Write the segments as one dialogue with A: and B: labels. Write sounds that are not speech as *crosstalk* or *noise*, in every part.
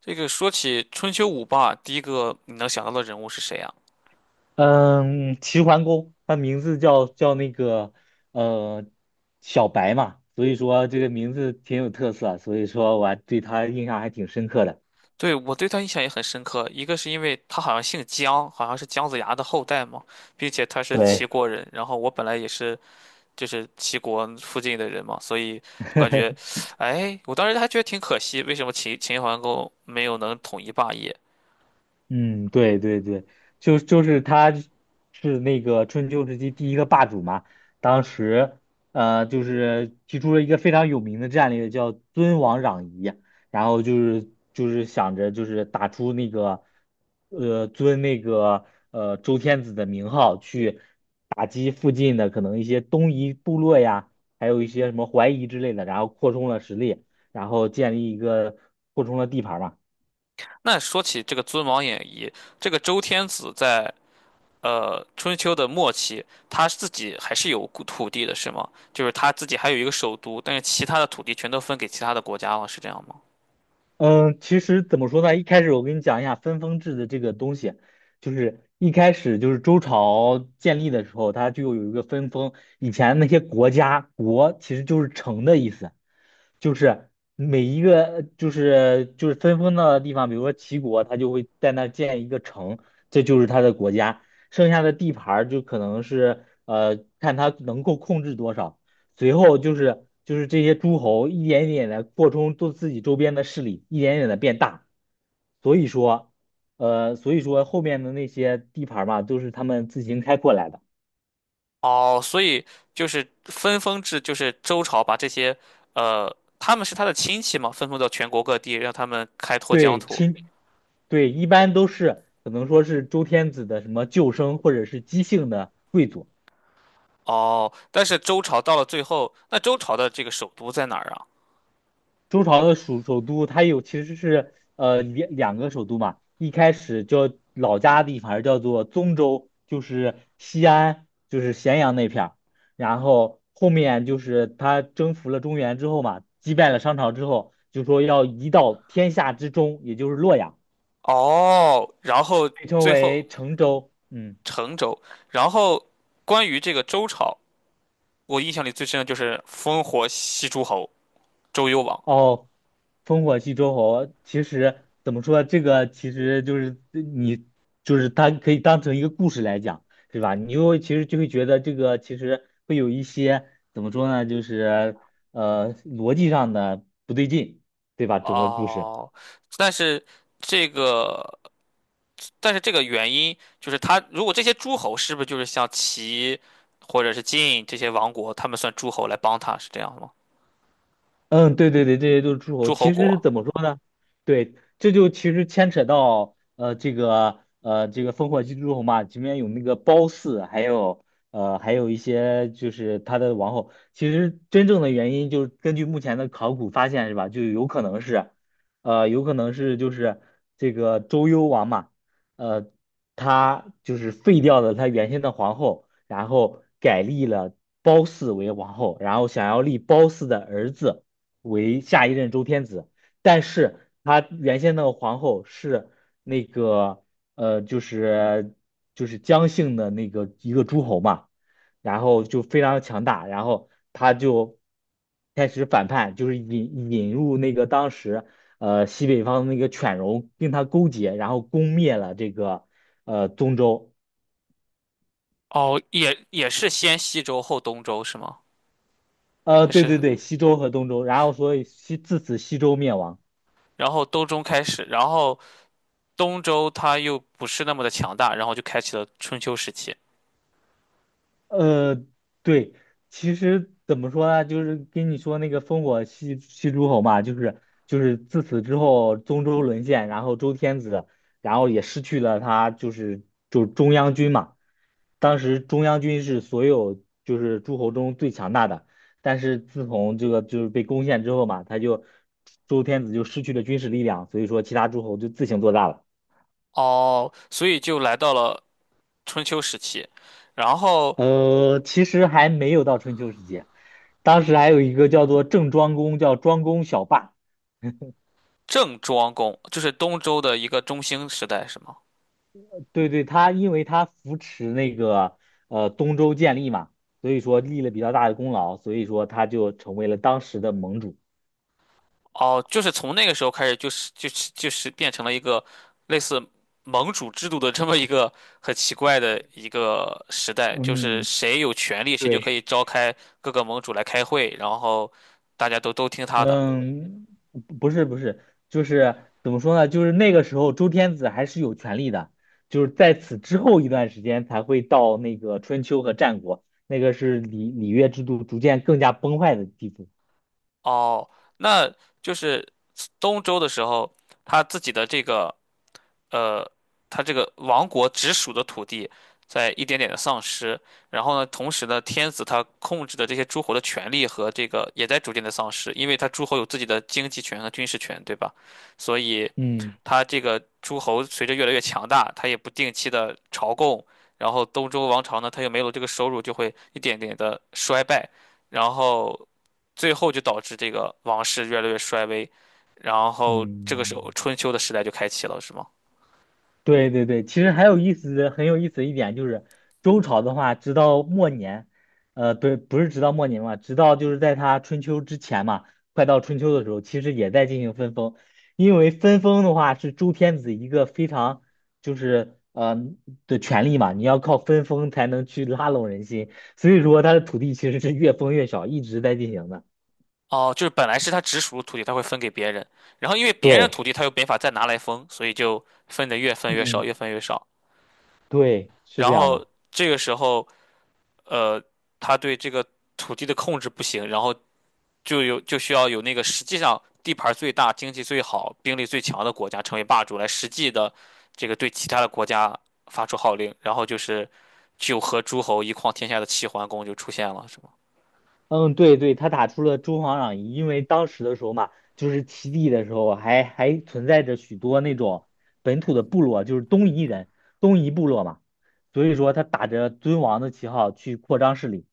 A: 这个说起春秋五霸，第一个你能想到的人物是谁啊？
B: 嗯，齐桓公，他名字叫那个呃小白嘛，所以说这个名字挺有特色啊，所以说我还对他印象还挺深刻的。
A: 对，我对他印象也很深刻，一个是因为他好像姓姜，好像是姜子牙的后代嘛，并且他是齐
B: 对。
A: 国人，然后我本来也是就是齐国附近的人嘛，所以我感觉，哎，我当时还觉得挺可惜，为什么秦桓公没有能统一霸业？
B: 嗯，对对对，就是他是那个春秋时期第一个霸主嘛，当时就是提出了一个非常有名的战略，叫尊王攘夷，然后就是想着就是打出那个呃尊那个周天子的名号去打击附近的可能一些东夷部落呀，还有一些什么淮夷之类的，然后扩充了实力，然后建立一个扩充了地盘嘛。
A: 那说起这个尊王演义，这个周天子在春秋的末期，他自己还是有土地的，是吗？就是他自己还有一个首都，但是其他的土地全都分给其他的国家了，是这样吗？
B: 嗯，其实怎么说呢？一开始我跟你讲一下分封制的这个东西，就是一开始就是周朝建立的时候，它就有一个分封。以前那些国家，国其实就是城的意思，就是每一个就是分封的地方，比如说齐国，它就会在那儿建一个城，这就是它的国家。剩下的地盘儿就可能是看它能够控制多少。随后就是这些诸侯一点一点的扩充都自己周边的势力，一点点的变大。所以说，所以说后面的那些地盘儿嘛，都是他们自行开阔来的。
A: 哦，所以就是分封制，就是周朝把这些，他们是他的亲戚嘛，分封到全国各地，让他们开拓疆
B: 对，
A: 土。
B: 对，一般都是可能说是周天子的什么旧生或者是姬姓的贵族。
A: 哦，但是周朝到了最后，那周朝的这个首都在哪儿啊？
B: 周朝的首都，它有其实是两个首都嘛，一开始叫老家的地方叫做宗州，就是西安，就是咸阳那片儿，然后后面就是他征服了中原之后嘛，击败了商朝之后，就说要移到天下之中，也就是洛阳，
A: 哦，然后
B: 被称
A: 最后
B: 为成州。嗯。
A: 成周。然后关于这个周朝，我印象里最深的就是烽火戏诸侯，周幽王。
B: 哦，烽火戏诸侯，其实怎么说，这个其实就是你，就是它可以当成一个故事来讲，对吧？你又其实就会觉得这个其实会有一些怎么说呢，就是逻辑上的不对劲，对吧？整个故事。
A: 哦，但是这个，但是这个原因就是他，如果这些诸侯是不是就是像齐或者是晋这些王国，他们算诸侯来帮他是这样吗？
B: 嗯，对对对，这些都是诸侯。
A: 诸侯
B: 其实是
A: 国。
B: 怎么说呢？对，这就其实牵扯到这个烽火戏诸侯嘛，里面有那个褒姒，还有一些就是他的王后。其实真正的原因就是根据目前的考古发现是吧，就有可能是就是这个周幽王嘛，呃他就是废掉了他原先的皇后，然后改立了褒姒为王后，然后想要立褒姒的儿子。为下一任周天子，但是他原先那个皇后是那个呃，就是就是姜姓的那个一个诸侯嘛，然后就非常强大，然后他就开始反叛，就是引入那个当时西北方的那个犬戎跟他勾结，然后攻灭了这个东周，
A: 哦，也也是先西周后东周是吗？还
B: 对
A: 是，
B: 对对，西周和东周，然后所以自此西周灭亡。
A: 然后东周开始，然后东周他又不是那么的强大，然后就开启了春秋时期。
B: 呃，对，其实怎么说呢，就是跟你说那个烽火戏诸侯嘛，就是自此之后，中州沦陷，然后周天子，然后也失去了他就是中央军嘛。当时中央军是所有就是诸侯中最强大的，但是自从这个就是被攻陷之后嘛，周天子就失去了军事力量，所以说其他诸侯就自行做大了。
A: 哦，所以就来到了春秋时期。然后
B: 其实还没有到春秋时期，当时还有一个叫做郑庄公，叫庄公小霸。
A: 郑庄公就是东周的一个中兴时代，是吗？
B: 对对，他因为他扶持那个东周建立嘛，所以说立了比较大的功劳，所以说他就成为了当时的盟主。
A: 哦，就是从那个时候开始，就是变成了一个类似盟主制度的这么一个很奇怪的一个时代，就是
B: 嗯，
A: 谁有权利，谁就可
B: 对。
A: 以召开各个盟主来开会，然后大家都听他的。
B: 嗯，不是不是，就是怎么说呢？就是那个时候周天子还是有权利的，就是在此之后一段时间才会到那个春秋和战国，那个是礼礼乐制度逐渐更加崩坏的地步。
A: 哦，那就是东周的时候，他自己的这个，呃，他这个王国直属的土地在一点点的丧失，然后呢，同时呢，天子他控制的这些诸侯的权力和这个也在逐渐的丧失，因为他诸侯有自己的经济权和军事权，对吧？所以
B: 嗯
A: 他这个诸侯随着越来越强大，他也不定期的朝贡，然后东周王朝呢，他又没有这个收入，就会一点点的衰败，然后最后就导致这个王室越来越衰微，然后这个时
B: 嗯。
A: 候春秋的时代就开启了，是吗？
B: 对对对，其实还有意思的很有意思的一点就是，周朝的话，直到末年，不是不是直到末年嘛，直到就是在他春秋之前嘛，快到春秋的时候，其实也在进行分封，因为分封的话是周天子一个非常就是的权利嘛，你要靠分封才能去拉拢人心，所以说他的土地其实是越封越小，一直在进行的。
A: 哦，就是本来是他直属的土地，他会分给别人，然后因为别人的
B: 对，
A: 土地他又没法再拿来分，所以就分的越分越少，
B: 嗯，
A: 越分越少。
B: 对，是
A: 然
B: 这样的。
A: 后这个时候，呃，他对这个土地的控制不行，然后就有就需要有那个实际上地盘儿最大、经济最好、兵力最强的国家成为霸主，来实际的这个对其他的国家发出号令。然后就是九合诸侯一匡天下的齐桓公就出现了，是吗？
B: 嗯，对对，他打出了诸侯攘夷，因为当时的时候嘛，就是齐地的时候还存在着许多那种本土的部落，就是东夷人、东夷部落嘛，所以说他打着尊王的旗号去扩张势力，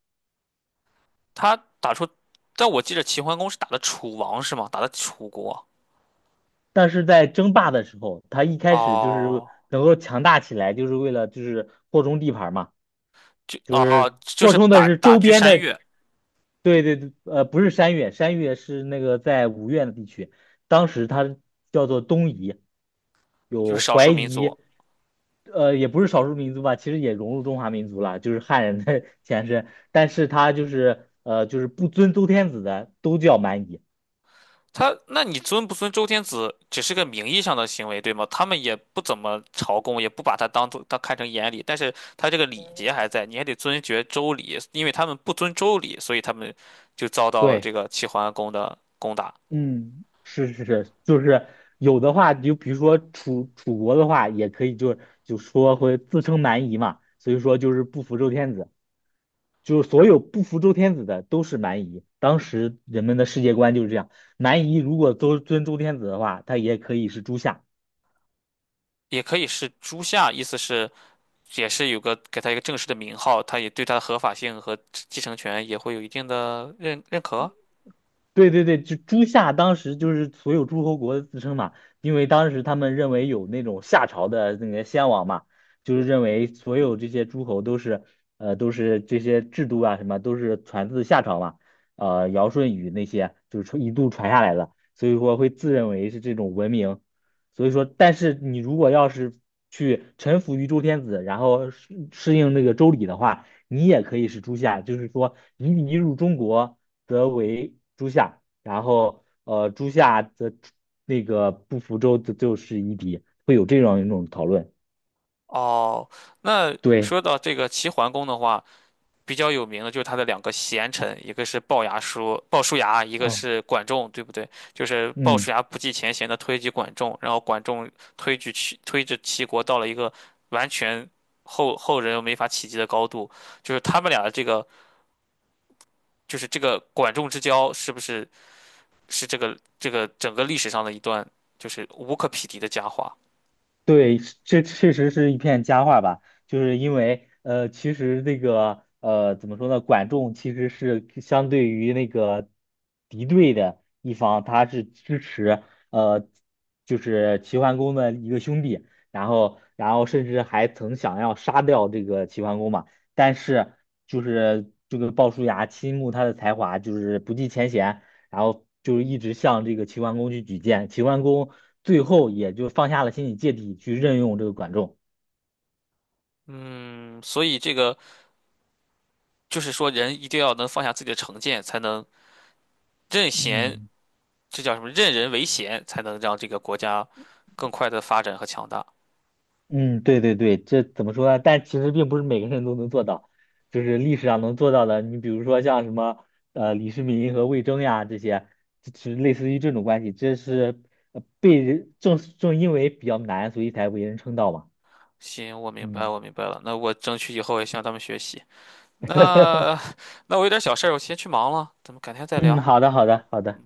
A: 他打出，但我记得齐桓公是打的楚王是吗？打的楚国。
B: 但是在争霸的时候，他一开始就是
A: 哦，
B: 能够强大起来，就是为了就是扩充地盘儿嘛，
A: 就
B: 就
A: 哦，
B: 是
A: 就
B: 扩
A: 是
B: 充的
A: 打
B: 是
A: 打
B: 周
A: 击
B: 边
A: 山
B: 的
A: 岳，
B: 对对对，不是山越，山越是那个在五院的地区，当时它叫做东夷，
A: 就
B: 有
A: 是少
B: 怀
A: 数民
B: 夷，
A: 族。
B: 也不是少数民族吧，其实也融入中华民族了，就是汉人的 *laughs* 前身，但是他就是就是不尊周天子的都叫蛮夷。
A: 他，那你尊不尊周天子，只是个名义上的行为，对吗？他们也不怎么朝贡，也不把他当做当看成眼里，但是他这个礼节还在，你还得尊爵周礼，因为他们不遵周礼，所以他们就遭到了这
B: 对，
A: 个齐桓公的攻打。
B: 嗯，是是是，就是有的话，就比如说楚国的话，也可以就说会自称蛮夷嘛，所以说就是不服周天子。就是所有不服周天子的都是蛮夷。当时人们的世界观就是这样，蛮夷如果都尊周天子的话，他也可以是诸夏。
A: 也可以是朱夏，意思是也是有个给他一个正式的名号，他也对他的合法性和继承权也会有一定的认可。
B: 对对对，就朱夏当时就是所有诸侯国的自称嘛，因为当时他们认为有那种夏朝的那个先王嘛，就是认为所有这些诸侯都是这些制度啊什么都是传自夏朝嘛，尧舜禹那些就是一度传下来的，所以说会自认为是这种文明，所以说但是你如果要是去臣服于周天子，然后适应那个周礼的话。你也可以是诸夏，就是说你入中国则为诸夏，然后诸夏则那个不服周则就是夷狄，会有这样一种讨论。
A: 哦，那
B: 对，
A: 说到这个齐桓公的话，比较有名的就是他的两个贤臣，一个是鲍叔牙，一个
B: 哦，
A: 是管仲，对不对？就是鲍
B: 嗯。
A: 叔牙不计前嫌的推举管仲，然后管仲推着齐国到了一个完全后人又没法企及的高度，就是他们俩的这个就是这个管仲之交，是这个这个整个历史上的一段就是无可匹敌的佳话？
B: 对，这确实是一片佳话吧，就是因为其实这个怎么说呢，管仲其实是相对于那个敌对的一方，他是支持呃，就是齐桓公的一个兄弟，然后甚至还曾想要杀掉这个齐桓公嘛，但是就是这个鲍叔牙倾慕他的才华，就是不计前嫌，然后就是一直向这个齐桓公去举荐，齐桓公。最后也就放下了心理芥蒂去任用这个管仲。
A: 嗯，所以这个。就是说人一定要能放下自己的成见，才能任贤，
B: 嗯
A: 这叫什么？任人唯贤，才能让这个国家更快的发展和强大。
B: 嗯，对对对，这怎么说呢？但其实并不是每个人都能做到，就是历史上能做到的，你比如说像什么李世民和魏征呀这些，就是类似于这种关系，这是被人正因为比较难，所以才为人称道嘛。
A: 行，我明白，
B: 嗯。
A: 我明白了。那我争取以后也向他们学习。那我有点小事儿，我先去忙了，咱们改天再
B: 嗯，
A: 聊。
B: 好的好的好的。